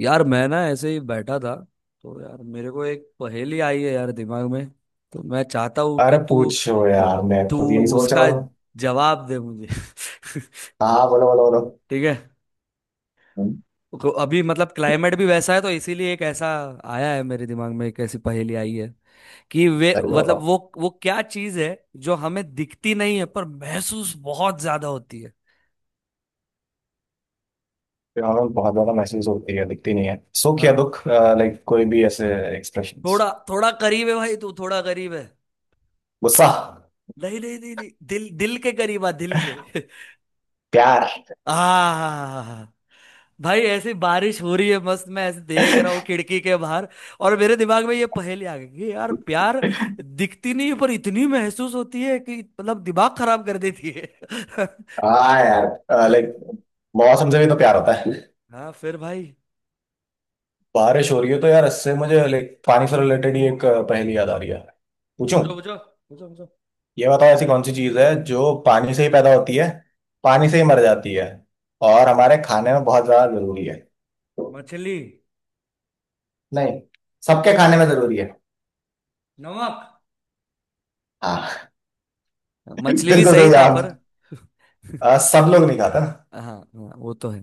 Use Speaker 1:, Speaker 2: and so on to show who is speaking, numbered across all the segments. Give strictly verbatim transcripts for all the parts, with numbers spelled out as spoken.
Speaker 1: यार मैं ना ऐसे ही बैठा था। तो यार मेरे को एक पहेली आई है यार दिमाग में। तो मैं चाहता हूँ कि
Speaker 2: अरे
Speaker 1: तू
Speaker 2: पूछो यार, मैं
Speaker 1: तू
Speaker 2: खुद यही सोच रहा
Speaker 1: उसका
Speaker 2: हूँ।
Speaker 1: जवाब दे मुझे।
Speaker 2: हाँ बोलो बोलो बोलो।
Speaker 1: ठीक है।
Speaker 2: हम्म,
Speaker 1: को- अभी मतलब क्लाइमेट भी वैसा है, तो इसीलिए एक ऐसा आया है मेरे दिमाग में, एक ऐसी पहेली आई है कि वे
Speaker 2: सही तो
Speaker 1: मतलब
Speaker 2: बताओ।
Speaker 1: वो वो क्या चीज है जो हमें दिखती नहीं है पर महसूस बहुत ज्यादा होती है।
Speaker 2: प्यार में बहुत ज्यादा महसूस होती है, दिखती नहीं है। सुख या
Speaker 1: हाँ,
Speaker 2: दुख, लाइक कोई भी ऐसे एक्सप्रेशंस।
Speaker 1: थोड़ा थोड़ा करीब है भाई, तू थोड़ा करीब है।
Speaker 2: गुस्सा।
Speaker 1: नहीं नहीं नहीं नहीं, दिल दिल के करीब आ, दिल के।
Speaker 2: प्यार।
Speaker 1: आ, भाई ऐसी बारिश हो रही है मस्त, मैं ऐसे देख रहा हूँ खिड़की के बाहर, और मेरे दिमाग में ये पहेली आ गई कि यार प्यार दिखती नहीं पर इतनी महसूस होती है कि मतलब दिमाग खराब कर देती है।
Speaker 2: हाँ यार, लाइक मौसम से भी तो प्यार होता है।
Speaker 1: हाँ फिर भाई।
Speaker 2: बारिश हो रही है तो यार इससे मुझे लाइक पानी से रिलेटेड ही एक अ, पहेली याद आ रही है। पूछूं?
Speaker 1: पूछो पूछो, पूछो पूछो।
Speaker 2: ये बताओ, ऐसी कौन सी चीज है जो पानी से ही पैदा होती है, पानी से ही मर जाती है, और हमारे खाने में बहुत ज्यादा जरूरी है?
Speaker 1: मछली।
Speaker 2: नहीं। सबके खाने में जरूरी है।
Speaker 1: नमक।
Speaker 2: हाँ।
Speaker 1: मछली भी
Speaker 2: बिल्कुल सही
Speaker 1: सही था
Speaker 2: जवाब।
Speaker 1: पर
Speaker 2: अ, सब लोग नहीं खाता ना।
Speaker 1: हाँ हाँ, वो तो है।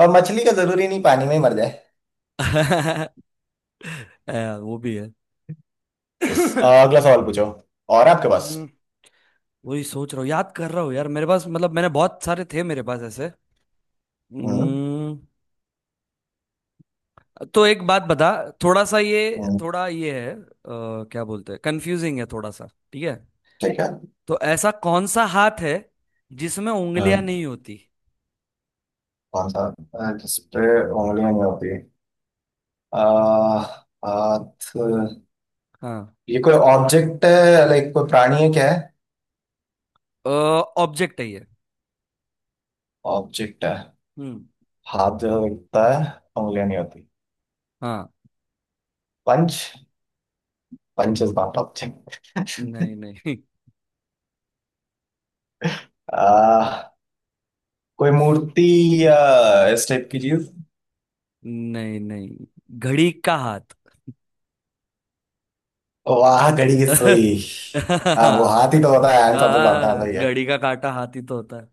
Speaker 2: और मछली का जरूरी नहीं पानी में ही मर जाए।
Speaker 1: अ, वो भी है।
Speaker 2: इस अ,
Speaker 1: हम्म।
Speaker 2: अगला सवाल पूछो। और आपके पास?
Speaker 1: वही सोच रहा हूँ, याद कर रहा हूँ यार, मेरे पास मतलब मैंने बहुत सारे थे मेरे पास ऐसे।
Speaker 2: हम्म।
Speaker 1: हम्म। तो एक बात बता। थोड़ा सा ये,
Speaker 2: हम्म,
Speaker 1: थोड़ा ये है अ, क्या बोलते हैं, कंफ्यूजिंग है थोड़ा सा। ठीक है।
Speaker 2: ठीक है।
Speaker 1: तो ऐसा कौन सा हाथ है जिसमें उंगलियां
Speaker 2: हम्म,
Speaker 1: नहीं होती।
Speaker 2: कौन सा? अ, जिस पे उंगलियां नहीं होती। अ, हाथ।
Speaker 1: हाँ,
Speaker 2: ये कोई ऑब्जेक्ट है, लाइक कोई प्राणी है, क्या है?
Speaker 1: ऑब्जेक्ट है ये।
Speaker 2: ऑब्जेक्ट है?
Speaker 1: हम्म।
Speaker 2: हाथ जो दिखता है? उंगलियां नहीं होती।
Speaker 1: हाँ।
Speaker 2: पंच। पंच इज नॉट
Speaker 1: नहीं
Speaker 2: ऑब्जेक्ट।
Speaker 1: नहीं।
Speaker 2: कोई मूर्ति या इस टाइप की चीज?
Speaker 1: नहीं नहीं, घड़ी का हाथ।
Speaker 2: वाह, घड़ी की सुई। हाँ वो हाथी तो होता है आंसर सबसे लौटना
Speaker 1: हाँ,
Speaker 2: सही है।
Speaker 1: घड़ी का काटा हाथ ही तो होता है।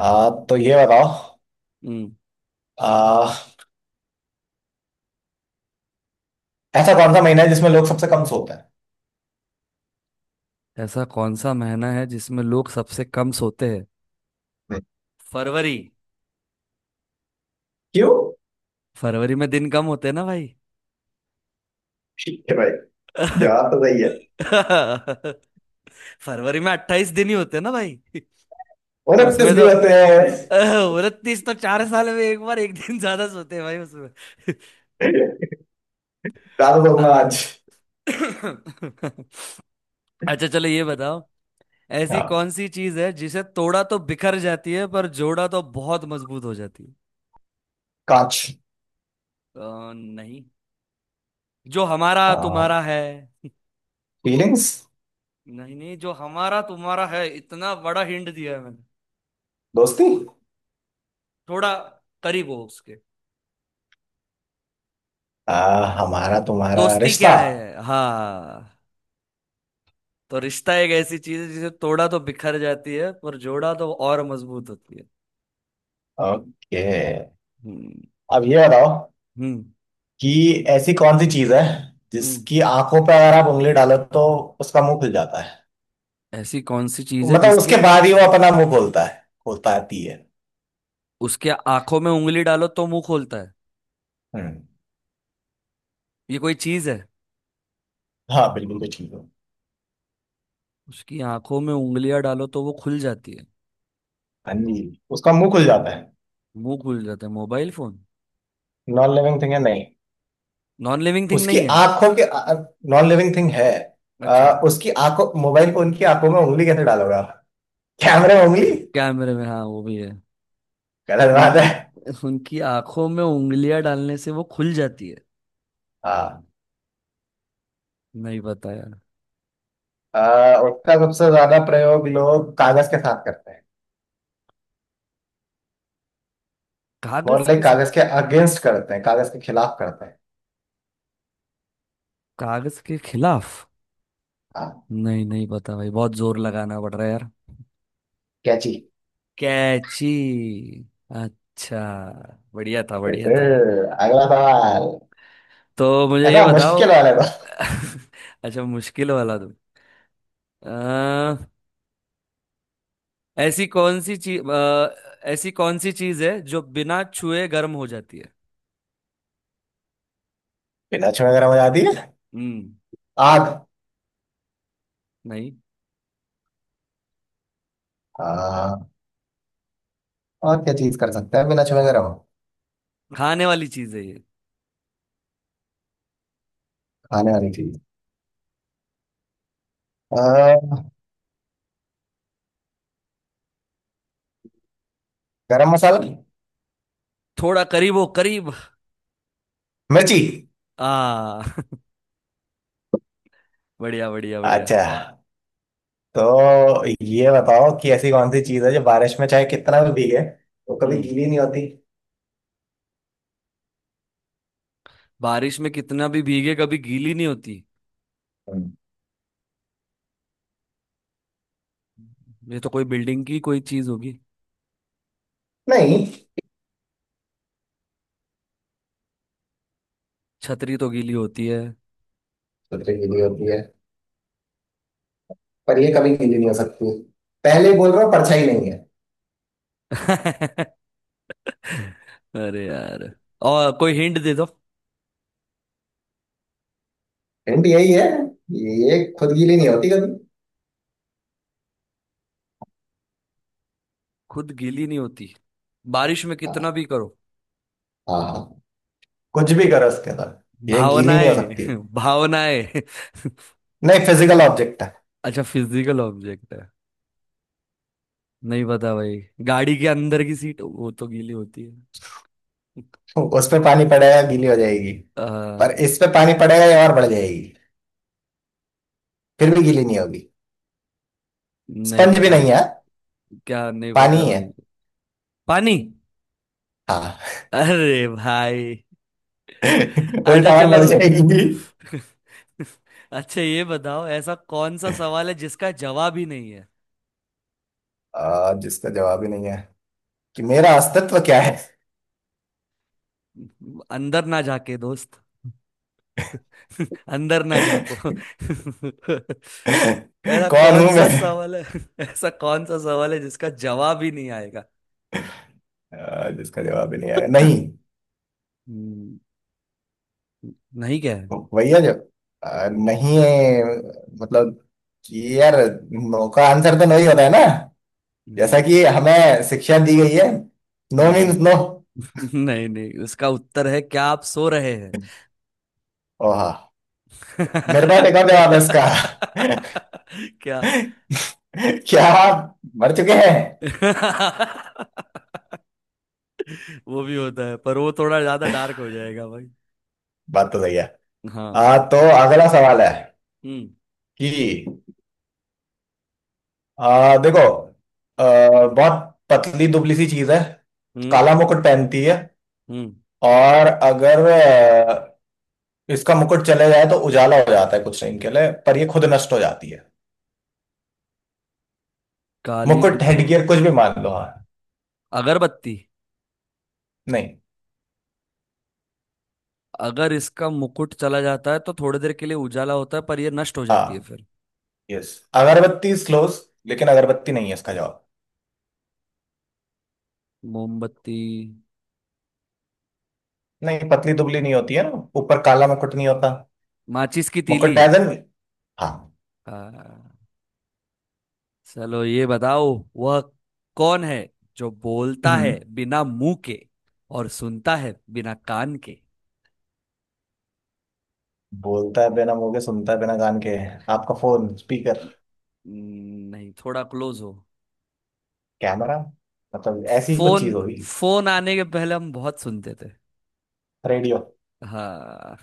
Speaker 2: आ, तो ये बताओ।
Speaker 1: हम्म।
Speaker 2: आ, ऐसा कौन सा महीना है जिसमें लोग सबसे कम सोते हैं?
Speaker 1: ऐसा कौन सा महीना है जिसमें लोग सबसे कम सोते हैं।
Speaker 2: हम्म।
Speaker 1: फरवरी।
Speaker 2: क्यों?
Speaker 1: फरवरी में दिन कम होते हैं ना भाई।
Speaker 2: ठीक है भाई। जवाब तो सही है।
Speaker 1: फरवरी में अट्ठाईस दिन ही होते हैं ना भाई। तो
Speaker 2: उनतीस
Speaker 1: उसमें
Speaker 2: भी
Speaker 1: तो
Speaker 2: होते हैं।
Speaker 1: उनतीस तो चार साल में एक बार एक दिन ज्यादा सोते हैं भाई उसमें।
Speaker 2: ज्यादा
Speaker 1: अ-
Speaker 2: सोचना आज।
Speaker 1: अच्छा चलो ये बताओ, ऐसी
Speaker 2: हाँ,
Speaker 1: कौन सी चीज है जिसे तोड़ा तो बिखर जाती है पर जोड़ा तो बहुत मजबूत हो जाती है।
Speaker 2: कांच।
Speaker 1: अ, नहीं, जो हमारा तुम्हारा है।
Speaker 2: फीलिंग्स।
Speaker 1: नहीं नहीं, जो हमारा तुम्हारा है, इतना बड़ा हिंट दिया है मैंने।
Speaker 2: दोस्ती।
Speaker 1: थोड़ा करीब हो उसके।
Speaker 2: आ, हमारा तुम्हारा
Speaker 1: दोस्ती क्या
Speaker 2: रिश्ता।
Speaker 1: है, हाँ। तो रिश्ता एक ऐसी चीज है जिसे तोड़ा तो बिखर जाती है पर जोड़ा तो और मजबूत होती है।
Speaker 2: ओके।
Speaker 1: हम्म।
Speaker 2: अब ये बताओ
Speaker 1: हम्म।
Speaker 2: कि ऐसी कौन सी चीज है
Speaker 1: हम्म।
Speaker 2: जिसकी आंखों पे अगर आप उंगली डालो तो उसका मुंह खुल जाता है?
Speaker 1: ऐसी कौन सी चीज है
Speaker 2: मतलब उसके
Speaker 1: जिसके
Speaker 2: बाद ही वो अपना मुंह खोलता है। खोलता आती है।
Speaker 1: उसके आंखों में उंगली डालो तो मुंह खोलता है।
Speaker 2: हम्म।
Speaker 1: ये कोई चीज है।
Speaker 2: हाँ बिल्कुल भी ठीक हो।
Speaker 1: उसकी आंखों में उंगलियां डालो तो वो खुल जाती है।
Speaker 2: हाँ जी। उसका मुंह खुल जाता है।
Speaker 1: मुंह खुल जाता है, mobile phone.
Speaker 2: Non living thing है नहीं।
Speaker 1: नॉन लिविंग थिंग
Speaker 2: उसकी
Speaker 1: नहीं है।
Speaker 2: आंखों के, नॉन लिविंग थिंग है।
Speaker 1: अच्छा।
Speaker 2: अ, उसकी आंखों मोबाइल फोन की आंखों में उंगली कैसे डालोगे आप? कैमरे में उंगली?
Speaker 1: कैमरे में, हाँ वो भी है।
Speaker 2: गलत बात है।
Speaker 1: उनकी उनकी आंखों में उंगलियां डालने से वो खुल जाती है।
Speaker 2: हाँ।
Speaker 1: नहीं पता यार।
Speaker 2: अ, उसका सबसे ज्यादा प्रयोग लोग कागज के साथ करते हैं। मोर
Speaker 1: कागज के
Speaker 2: लाइक कागज
Speaker 1: साथ।
Speaker 2: के अगेंस्ट करते हैं, कागज के खिलाफ करते हैं।
Speaker 1: कागज के खिलाफ।
Speaker 2: हाँ।
Speaker 1: नहीं, नहीं पता भाई, बहुत जोर लगाना पड़ रहा है यार।
Speaker 2: कैची।
Speaker 1: कैची। अच्छा। बढ़िया था,
Speaker 2: ये
Speaker 1: बढ़िया
Speaker 2: फिर
Speaker 1: था।
Speaker 2: अगला सवाल।
Speaker 1: तो मुझे ये
Speaker 2: ऐसा
Speaker 1: बताओ।
Speaker 2: मुश्किल वाले को।
Speaker 1: अच्छा मुश्किल वाला तुम। अ, ऐसी कौन सी चीज, ऐसी कौन सी चीज है जो बिना छुए गर्म हो जाती है।
Speaker 2: बिना छुए गर्म हो जाती है?
Speaker 1: हम्म।
Speaker 2: आग।
Speaker 1: नहीं।
Speaker 2: हाँ। और क्या चीज कर सकते हैं बिना छुए गर्म?
Speaker 1: खाने वाली चीज है ये।
Speaker 2: खाने वाली चीज? अ, गरम मसाला।
Speaker 1: थोड़ा करीब हो, करीब।
Speaker 2: मिर्ची।
Speaker 1: आ। बढ़िया बढ़िया बढ़िया।
Speaker 2: अच्छा। तो ये बताओ कि ऐसी कौन सी चीज है जो बारिश में चाहे कितना भी भीगे, वो कभी
Speaker 1: हम्म।
Speaker 2: गीली नहीं होती?
Speaker 1: बारिश में कितना भी भीगे कभी गीली नहीं होती।
Speaker 2: हम्म।
Speaker 1: ये तो कोई बिल्डिंग की कोई चीज होगी।
Speaker 2: नहीं।
Speaker 1: छतरी तो गीली होती है।
Speaker 2: सोचो गीली होती है, पर ये कभी गीली नहीं हो सकती। पहले बोल रहा हूँ, परछाई नहीं है।
Speaker 1: अरे यार, और कोई हिंट दे दो।
Speaker 2: हिंट यही है। ये खुद गीली नहीं होती कभी।
Speaker 1: खुद गीली नहीं होती, बारिश में कितना भी करो।
Speaker 2: हाँ हाँ, कुछ भी करो उसके अंदर ये गीली नहीं हो
Speaker 1: भावनाएं।
Speaker 2: सकती।
Speaker 1: भावनाएं।
Speaker 2: नहीं, फिजिकल ऑब्जेक्ट है।
Speaker 1: अच्छा, फिजिकल ऑब्जेक्ट है। नहीं पता भाई। गाड़ी के अंदर की सीट, वो तो गीली होती है।
Speaker 2: उस पे पानी पड़ेगा गीली हो जाएगी,
Speaker 1: आ,
Speaker 2: पर इस पे पानी पड़ेगा ये और बढ़ जाएगी। फिर भी गीली नहीं होगी।
Speaker 1: नहीं
Speaker 2: स्पंज भी
Speaker 1: पता।
Speaker 2: नहीं है।
Speaker 1: क्या, नहीं
Speaker 2: पानी
Speaker 1: पता
Speaker 2: ही है।
Speaker 1: भाई। पानी।
Speaker 2: हाँ।
Speaker 1: अरे भाई। अच्छा
Speaker 2: उल्टा और
Speaker 1: चलो।
Speaker 2: बढ़ जाएगी।
Speaker 1: अच्छा ये बताओ, ऐसा कौन सा सवाल है जिसका जवाब ही नहीं है।
Speaker 2: आ, जिसका जवाब ही नहीं है, कि मेरा अस्तित्व क्या है।
Speaker 1: अंदर ना जाके दोस्त, अंदर ना जाको। ऐसा
Speaker 2: कौन
Speaker 1: कौन
Speaker 2: हूं
Speaker 1: सा
Speaker 2: मैं।
Speaker 1: सवाल है, ऐसा कौन सा सवाल है जिसका जवाब ही नहीं आएगा।
Speaker 2: आ, जिसका जवाब ही नहीं आया, नहीं।
Speaker 1: हम्म, नहीं क्या है।
Speaker 2: वही है जो आ, नहीं है। मतलब कि यार, नो का आंसर तो नहीं होता है ना। जैसा
Speaker 1: नहीं
Speaker 2: कि हमें शिक्षा दी गई है, नो मीन्स
Speaker 1: नहीं
Speaker 2: नो।
Speaker 1: नहीं नहीं, उसका उत्तर है क्या आप सो रहे हैं।
Speaker 2: ओह। मेरे पास एक और जवाब है इसका।
Speaker 1: क्या।
Speaker 2: क्या आप मर चुके हैं?
Speaker 1: वो भी होता है पर वो थोड़ा ज्यादा डार्क हो जाएगा भाई।
Speaker 2: बात तो सही है। आ,
Speaker 1: हाँ।
Speaker 2: तो अगला सवाल है
Speaker 1: हम्म।
Speaker 2: कि आ, देखो, आ, बहुत पतली दुबली सी चीज है,
Speaker 1: हम्म।
Speaker 2: काला मुकुट पहनती है,
Speaker 1: हम्म।
Speaker 2: और अगर आ, इसका मुकुट चले जाए तो उजाला हो जाता है कुछ टाइम के लिए, पर ये खुद नष्ट हो जाती है।
Speaker 1: काली
Speaker 2: मुकुट
Speaker 1: दुबली।
Speaker 2: हेडगियर कुछ भी मान लो। हाँ।
Speaker 1: अगरबत्ती।
Speaker 2: नहीं।
Speaker 1: अगर इसका मुकुट चला जाता है तो थोड़ी देर के लिए उजाला होता है पर ये नष्ट हो जाती है
Speaker 2: हाँ।
Speaker 1: फिर।
Speaker 2: यस। अगरबत्ती स्लोस। लेकिन अगरबत्ती नहीं है इसका जवाब।
Speaker 1: मोमबत्ती।
Speaker 2: नहीं, पतली दुबली नहीं होती है ना, ऊपर काला मुकुट नहीं होता।
Speaker 1: माचिस की तीली।
Speaker 2: मुकुट डायजन। हाँ।
Speaker 1: हाँ। चलो ये बताओ, वह कौन है जो बोलता है
Speaker 2: हम्म,
Speaker 1: बिना मुंह के और सुनता है बिना कान के।
Speaker 2: बोलता है बिना मुंह के, सुनता है बिना कान के? आपका
Speaker 1: हाँ,
Speaker 2: फोन स्पीकर?
Speaker 1: न- नहीं थोड़ा क्लोज हो।
Speaker 2: कैमरा? मतलब ऐसी ही कुछ
Speaker 1: फोन।
Speaker 2: चीज होगी।
Speaker 1: फोन आने के पहले हम बहुत सुनते थे।
Speaker 2: रेडियो।
Speaker 1: हाँ।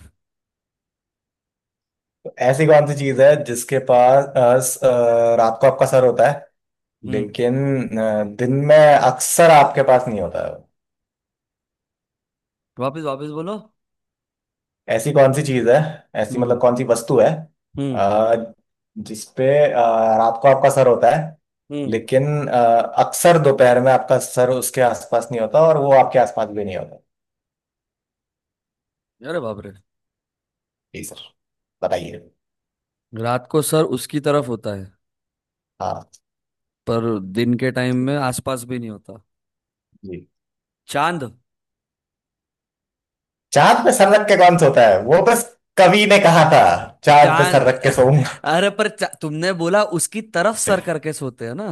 Speaker 2: तो ऐसी कौन सी चीज है जिसके पास अ, स- अ, रात को आपका सर होता है,
Speaker 1: हम्म।
Speaker 2: लेकिन अ, दिन में अक्सर आपके पास नहीं होता?
Speaker 1: वापिस वापिस बोलो।
Speaker 2: ऐसी कौन सी चीज है? ऐसी
Speaker 1: हम्म।
Speaker 2: मतलब कौन सी वस्तु है?
Speaker 1: हम्म।
Speaker 2: आ, जिसपे अ, रात को आपका सर होता है,
Speaker 1: हम्म।
Speaker 2: लेकिन अ, अक्सर दोपहर में आपका सर उसके आसपास नहीं होता, और वो आपके आसपास भी नहीं होता।
Speaker 1: अरे बाप रे।
Speaker 2: जी सर, बताइए।
Speaker 1: रात को सर उसकी तरफ होता है
Speaker 2: हाँ
Speaker 1: पर दिन के टाइम में आसपास भी नहीं होता।
Speaker 2: जी।
Speaker 1: चांद।
Speaker 2: चांद पे सर रख के कौन सोता है? वो बस कवि ने कहा था, चांद पे
Speaker 1: चांद।
Speaker 2: सर रख के सोऊंगा।
Speaker 1: अरे पर चा... तुमने बोला उसकी तरफ सर करके सोते हैं ना।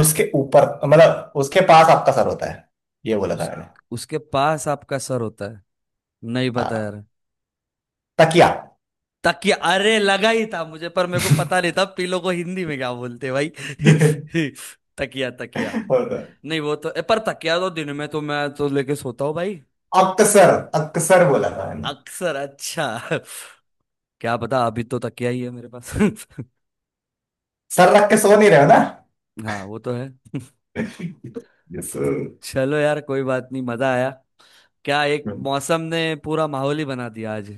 Speaker 2: उसके ऊपर मतलब उसके पास आपका सर होता है, ये बोला था
Speaker 1: उस
Speaker 2: मैंने।
Speaker 1: उसके पास आपका सर होता है। नहीं पता
Speaker 2: हाँ।
Speaker 1: यार।
Speaker 2: तकिया।
Speaker 1: तकिया, अरे लगा ही था मुझे पर मेरे को पता नहीं था पीलो को हिंदी में क्या बोलते हैं भाई। तकिया तकिया।
Speaker 2: होता है।
Speaker 1: नहीं वो तो ए, पर तकिया तो दिन में तो मैं तो लेके सोता हूँ भाई।
Speaker 2: अक्सर। अक्सर बोला था मैंने।
Speaker 1: अक्सर, अच्छा। क्या पता, अभी तो तकिया ही है मेरे पास।
Speaker 2: सर रख के सो नहीं रहे हो ना।
Speaker 1: हाँ वो तो है।
Speaker 2: Yes sir.
Speaker 1: चलो यार कोई बात नहीं, मजा आया। क्या एक मौसम ने पूरा माहौल ही बना दिया आज।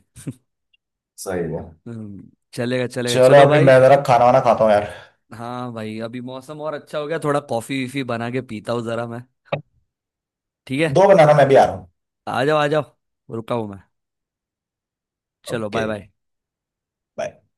Speaker 2: सही है।
Speaker 1: हम्म, चलेगा चलेगा,
Speaker 2: चलो,
Speaker 1: चलो
Speaker 2: अभी
Speaker 1: भाई।
Speaker 2: मैं जरा खाना वाना खाता हूँ यार।
Speaker 1: हाँ भाई, अभी मौसम और अच्छा हो गया, थोड़ा कॉफी वीफी बना के पीता हूँ जरा मैं। ठीक है।
Speaker 2: दो बनाना, मैं भी आ रहा हूँ।
Speaker 1: आ जाओ आ जाओ, रुका हूँ मैं। चलो
Speaker 2: ओके।
Speaker 1: Bye bye.
Speaker 2: बाय।